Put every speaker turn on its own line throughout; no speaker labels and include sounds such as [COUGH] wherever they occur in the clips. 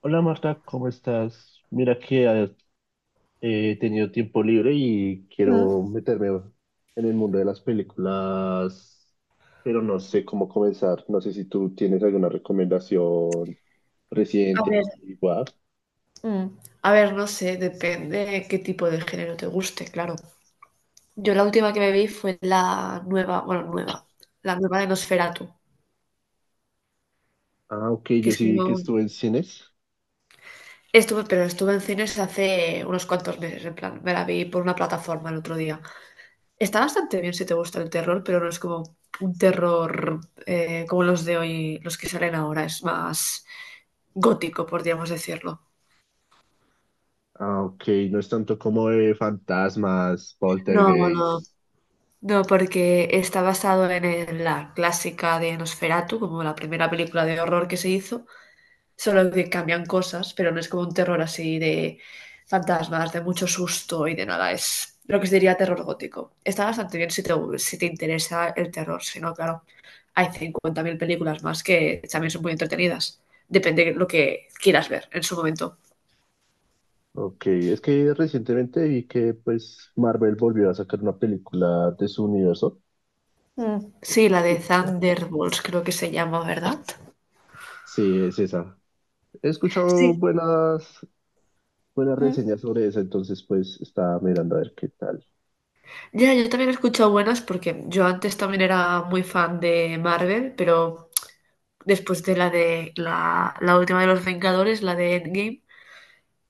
Hola Marta, ¿cómo estás? Mira que he tenido tiempo libre y
Mm.
quiero meterme en el mundo de las películas, pero no sé cómo comenzar. No sé si tú tienes alguna recomendación
A
reciente,
ver,
antigua.
mm, a ver, tipo de que te guste, claro. Yo la última que me vi fue la nueva, bueno, nueva, la nueva de Nosferatu,
Ah, ok,
que
yo
es
sí vi que
como.
estuve en cines.
Estuve, pero estuve en cines hace unos cuantos meses, en plan, me la vi por una plataforma el otro día. Está bastante bien si te gusta el terror, pero no es como un terror como los de hoy, los que salen ahora, es más gótico, podríamos decirlo.
Ah, ok, no es tanto como de fantasmas,
No, no,
poltergeist.
no, porque está basado en la clásica de Nosferatu, como la primera película de horror que se hizo, solo que cambian cosas, pero no es como un terror así de fantasmas, de mucho susto y de nada, es lo que se diría terror gótico. Está bastante bien si te interesa el terror, si no, claro, hay 50.000 películas más que también son muy entretenidas, depende de lo que quieras ver en su momento.
Ok, es que recientemente vi que pues Marvel volvió a sacar una película de su universo.
Mm. Sí, la de Thunderbolts creo que se llama, ¿verdad?
Sí, es esa. He escuchado
Sí.
buenas reseñas sobre eso, entonces pues estaba mirando a ver qué tal.
Ya, yo también he escuchado buenas porque yo antes también era muy fan de Marvel, pero después de la última de los Vengadores, la de Endgame,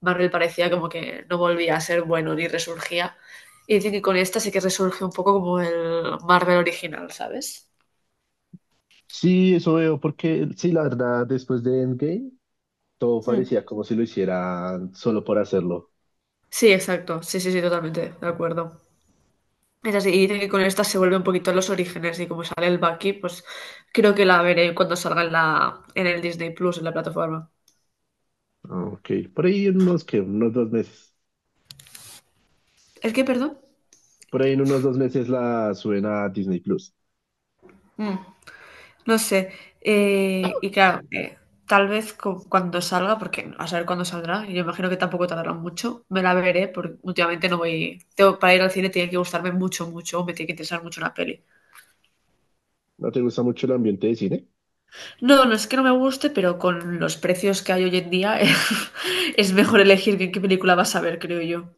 Marvel parecía como que no volvía a ser bueno ni resurgía. Y dicen que con esta sí que resurge un poco como el Marvel original, ¿sabes?
Sí, eso veo, porque sí, la verdad, después de Endgame, todo
Hmm.
parecía como si lo hicieran solo por hacerlo.
Sí, exacto. Sí, sí, sí, totalmente, de acuerdo. Es así, y dicen que con esta se vuelve un poquito a los orígenes y como sale el Bucky, pues creo que la veré cuando salga en el Disney Plus, en la plataforma.
Ah, Ok, por ahí en unos, que Unos 2 meses.
¿Es que, perdón?
Por ahí en unos 2 meses la suben a Disney Plus.
Mm. No sé, y claro, tal vez cuando salga, porque a saber cuándo saldrá, y yo imagino que tampoco tardará mucho, me la veré, porque últimamente no voy, tengo, para ir al cine tiene que gustarme mucho, mucho, o me tiene que interesar mucho una peli.
¿No te gusta mucho el ambiente de cine?
No, no es que no me guste, pero con los precios que hay hoy en día, [LAUGHS] es mejor elegir qué película vas a ver, creo yo.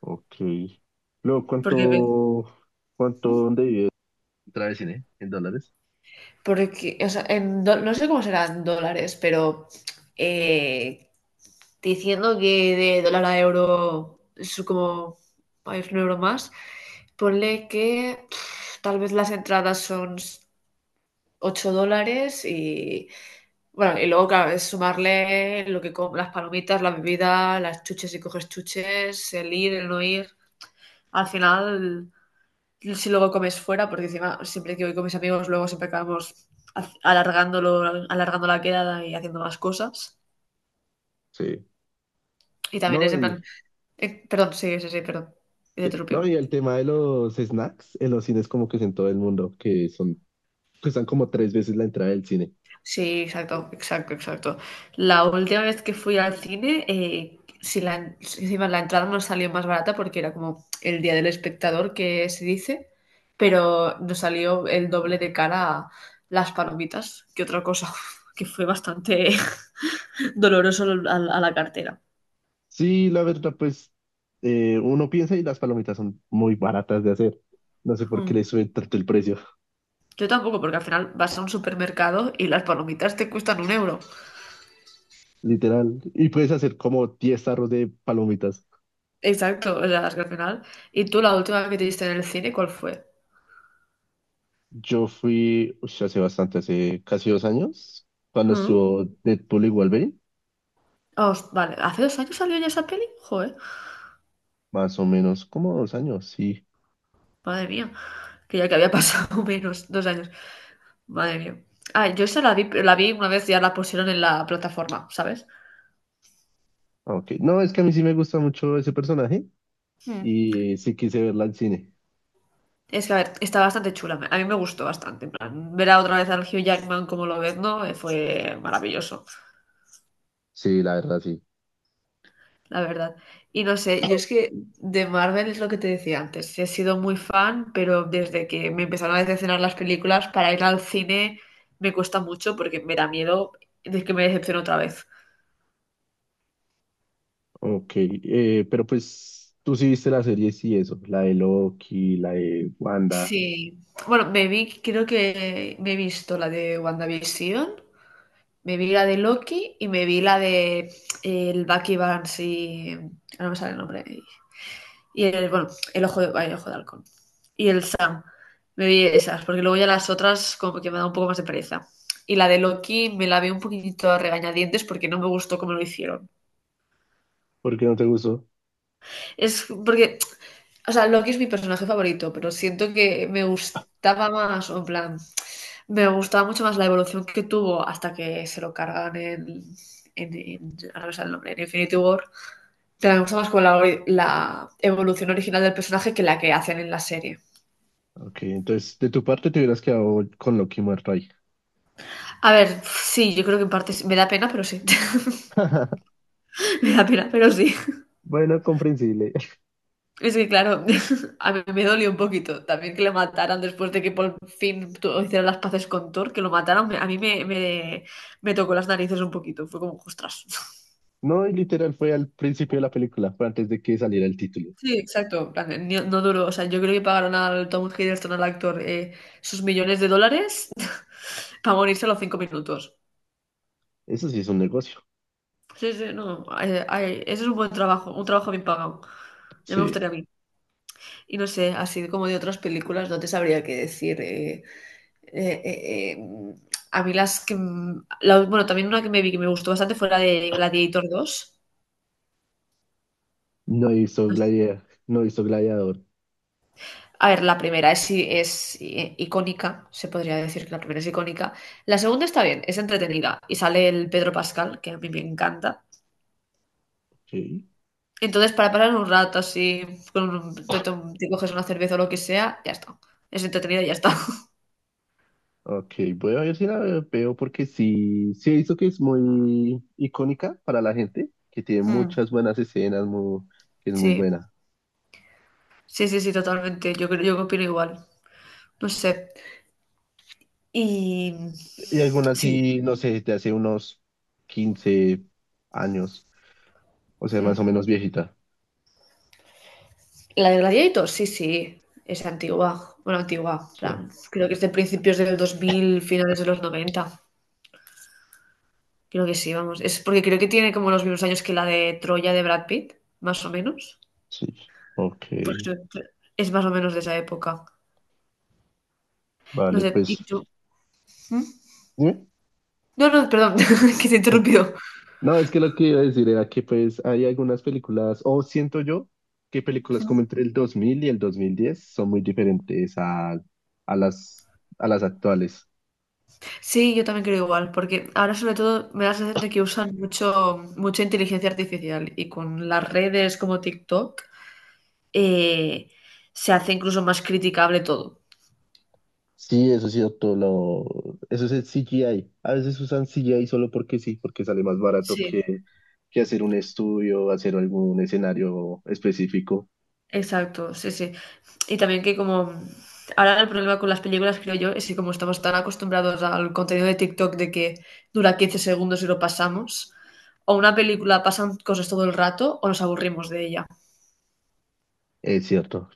Ok. Luego,
Porque, ve-
¿cuánto,
¿Mm?
dónde vive? Otra vez, ¿eh? En dólares.
Porque, o sea, no sé cómo serán dólares, pero eh, diciendo que de dólar a euro es como hay un euro más, ponle que pf, tal vez las entradas son $8 y bueno, y luego claro, es sumarle lo que las palomitas, la bebida, las chuches si coges chuches, el ir, el no ir. Al final si luego comes fuera, porque encima siempre que voy con mis amigos, luego siempre acabamos alargándolo, alargando la quedada y haciendo más cosas.
Sí.
Y también es
No,
en
y,
plan, perdón, sí, sí, sí, perdón, te
sí.
interrumpí.
No, y el tema de los snacks en los cines como que es en todo el mundo, que son, cuestan como tres veces la entrada del cine.
Sí, exacto, exacto, exacto. La última vez que fui al cine, si encima la entrada nos salió más barata porque era como el día del espectador que se dice, pero nos salió el doble de cara a las palomitas que otra cosa, [LAUGHS] que fue bastante [LAUGHS] doloroso a la cartera.
Sí, la verdad, pues uno piensa y las palomitas son muy baratas de hacer. No sé por qué
Mm.
le suben tanto el precio,
Yo tampoco, porque al final vas a un supermercado y las palomitas te cuestan un euro.
[LAUGHS] literal. Y puedes hacer como 10 tarros de palomitas.
Exacto, o sea, es que al final. ¿Y tú la última que te diste en el cine, cuál fue?
Yo fui, ush, hace bastante, hace casi 2 años, cuando
Mm.
estuvo Deadpool y Wolverine.
Vale, ¿hace 2 años salió ya esa peli? Joder,
Más o menos como 2 años, sí.
madre mía, que ya que había pasado [LAUGHS] menos, 2 años. Madre mía. Ah, yo esa la vi una vez ya la pusieron en la plataforma, ¿sabes?
Ah, Ok. No, es que a mí sí me gusta mucho ese personaje
Mm.
y sí quise verla al cine.
Es que, a ver, está bastante chula. A mí me gustó bastante. En plan, ver a otra vez al Hugh Jackman como lo ves, ¿no? Fue maravilloso.
Sí, la verdad, sí.
La verdad. Y no sé, yo es que de Marvel es lo que te decía antes. He sido muy fan, pero desde que me empezaron a decepcionar las películas, para ir al cine me cuesta mucho porque me da miedo de que me decepcione otra vez.
Ok, pero pues tú sí viste la serie, sí, eso, la de Loki, la de Wanda,
Sí. Bueno, me vi, creo que me he visto la de WandaVision, me vi la de Loki y me vi la de el Bucky Barnes y ahora no me sale el nombre. Y el, bueno, el ojo de, ay, ojo de halcón. Y el Sam. Me vi esas, porque luego ya las otras como que me da un poco más de pereza. Y la de Loki me la vi un poquitito a regañadientes porque no me gustó cómo lo hicieron.
¿por qué no te gustó?
Es porque, o sea, Loki es mi personaje favorito, pero siento que me gustaba más, o en plan, me gustaba mucho más la evolución que tuvo hasta que se lo cargan ahora no me el nombre, en Infinity War. Pero me gusta más con la evolución original del personaje que la que hacen en la serie.
Ok, entonces de tu parte te hubieras quedado con Loki muerto ahí.
A ver, sí, yo creo que en parte sí. Me da pena, pero sí.
[LAUGHS]
[LAUGHS] Me da pena, pero sí.
Bueno, comprensible.
Es que claro, [LAUGHS] a mí me dolió un poquito también que le mataran después de que por fin hicieran las paces con Thor, que lo mataran, a mí me tocó las narices un poquito. Fue como, ostras. [LAUGHS]
No, y literal fue al principio de la película, fue antes de que saliera el título.
Sí, exacto. En plan, no, duró. O sea, yo creo que pagaron al Tom Hiddleston, al actor, sus millones de dólares [LAUGHS] para morirse a los 5 minutos.
Eso sí es un negocio.
Sí, sí, no. Ay, ay, ese es un buen trabajo, un trabajo bien pagado. Ya me
Sí.
gustaría a mí. Y no sé, así como de otras películas, no te sabría qué decir. Eh, eh, eh, a mí las que, bueno, también una que me vi que me gustó bastante fue la de Gladiator dos.
No hizo Gladiador, no hizo Gladiador.
A ver, la primera es, es icónica, se podría decir que la primera es icónica. La segunda está bien, es entretenida y sale el Pedro Pascal, que a mí me encanta.
Ok.
Entonces, para pasar un rato así, con te, te coges una cerveza o lo que sea, ya está. Es entretenida y ya está. [LAUGHS]
Ok, voy a ver si la veo porque sí, sí he visto que es muy icónica para la gente, que tiene
Mm,
muchas buenas escenas, que es muy
sí,
buena.
sí, sí, sí, totalmente. Yo, yo opino igual. No sé. Y
Y algunas
sí.
sí, no sé, de hace unos 15 años, o sea, más o
Mm.
menos viejita.
La de Gladiator, sí, sí. Es antigua. Bueno, antigua.
Sí,
Plan, creo que es de principios del 2000 finales de los noventa. Creo que sí, vamos. Es porque creo que tiene como los mismos años que la de Troya de Brad Pitt, más o menos.
sí. Ok,
Pues creo que es más o menos de esa época. No
vale,
sé, ¿y
pues.
tú? ¿Mm?
Dime.
No, no, perdón, [LAUGHS] que te he
[LAUGHS]
interrumpido.
No, es que lo que iba a decir era que pues hay algunas películas, o siento yo que películas como entre el 2000 y el 2010 son muy diferentes a, a las, a las actuales.
Sí, yo también creo igual, porque ahora sobre todo me da la sensación de que usan mucho, mucha inteligencia artificial y con las redes como TikTok eh, se hace incluso más criticable todo.
Sí, eso es cierto, eso es el CGI. A veces usan CGI solo porque sí, porque sale más barato
Sí,
que hacer un estudio, hacer algún escenario específico.
exacto, sí, sí. Y también que como ahora el problema con las películas, creo yo, es que como estamos tan acostumbrados al contenido de TikTok de que dura 15 segundos y lo pasamos, o una película pasan cosas todo el rato o nos aburrimos de ella.
Es cierto.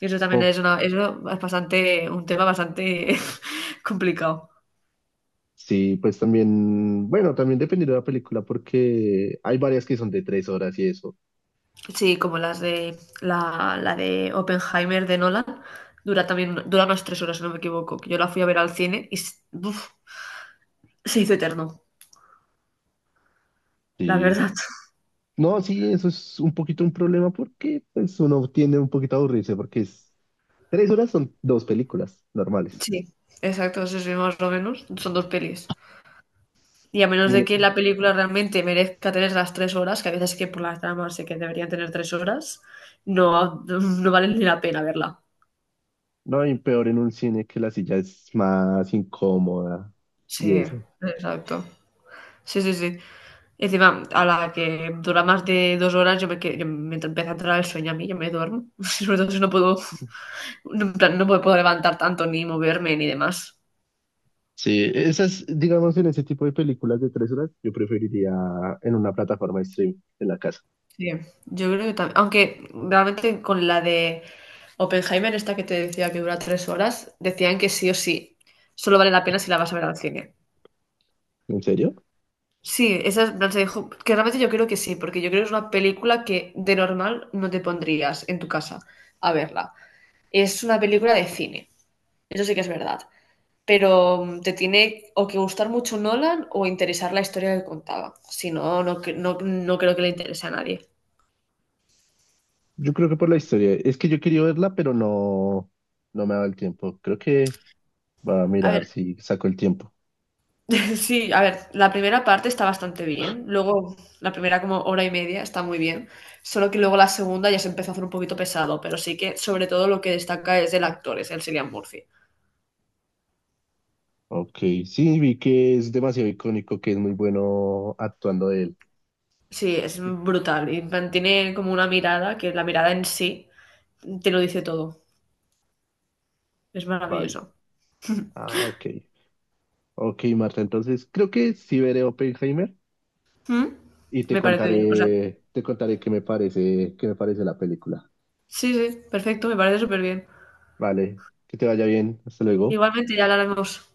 Y eso
Es
también
como-
es una, eso es bastante, un tema bastante [LAUGHS] complicado.
Sí, pues también, bueno, también dependiendo de la película, porque hay varias que son de 3 horas y eso.
Sí, como las de la de Oppenheimer de Nolan. Dura también, dura unas 3 horas, si no me equivoco, que yo la fui a ver al cine y uf, se hizo eterno, la
Sí.
verdad.
No, sí, eso es un poquito un problema porque pues, uno tiende un poquito a aburrirse, 3 horas son dos películas normales.
Sí, exacto, sí, sí, más o menos. Son dos pelis. Y a menos de que la película realmente merezca tener las 3 horas, que a veces que por las tramas sé que deberían tener 3 horas, no, no vale ni la pena verla.
No, y peor en un cine que la silla es más incómoda
Sí,
y eso.
exacto. Sí, sí, sí. Encima, a la que dura más de 2 horas, yo me, yo me empieza a entrar el sueño a mí, yo me duermo. [LAUGHS] Sobre todo si no puedo, no, en plan, no me puedo levantar tanto, ni moverme, ni demás.
Sí, esas, digamos, en ese tipo de películas de 3 horas, yo preferiría en una plataforma de stream en la casa.
Sí, yo creo que también. Aunque realmente con la de Oppenheimer, esta que te decía que dura 3 horas, decían que sí o sí, solo vale la pena si la vas a ver al cine.
¿En serio?
Sí, esa en plan, se dijo que realmente yo creo que sí, porque yo creo que es una película que de normal no te pondrías en tu casa a verla. Es una película de cine, eso sí que es verdad. Pero te tiene o que gustar mucho Nolan o interesar la historia que contaba. Si no, no, no, no creo que le interese a nadie.
Yo creo que por la historia. Es que yo quería verla, pero no me ha dado el tiempo. Creo que va a
A ver,
mirar si saco el tiempo.
[LAUGHS] sí, a ver, la primera parte está bastante bien. Luego, la primera como hora y media está muy bien. Solo que luego la segunda ya se empezó a hacer un poquito pesado, pero sí que sobre todo lo que destaca es el actor, es el Cillian Murphy.
Ok, sí, vi que es demasiado icónico, que es muy bueno actuando de él.
Sí, es brutal y mantiene como una mirada que la mirada en sí te lo dice todo. Es
Vale.
maravilloso.
Ah, ok. Ok, Marta, entonces creo que sí veré Oppenheimer.
¿Mm?
Y te
Me parece bien. O sea,
contaré, te contaré qué me parece la película.
sí, sí, perfecto, me parece súper bien.
Vale, que te vaya bien. Hasta luego.
Igualmente ya hablaremos.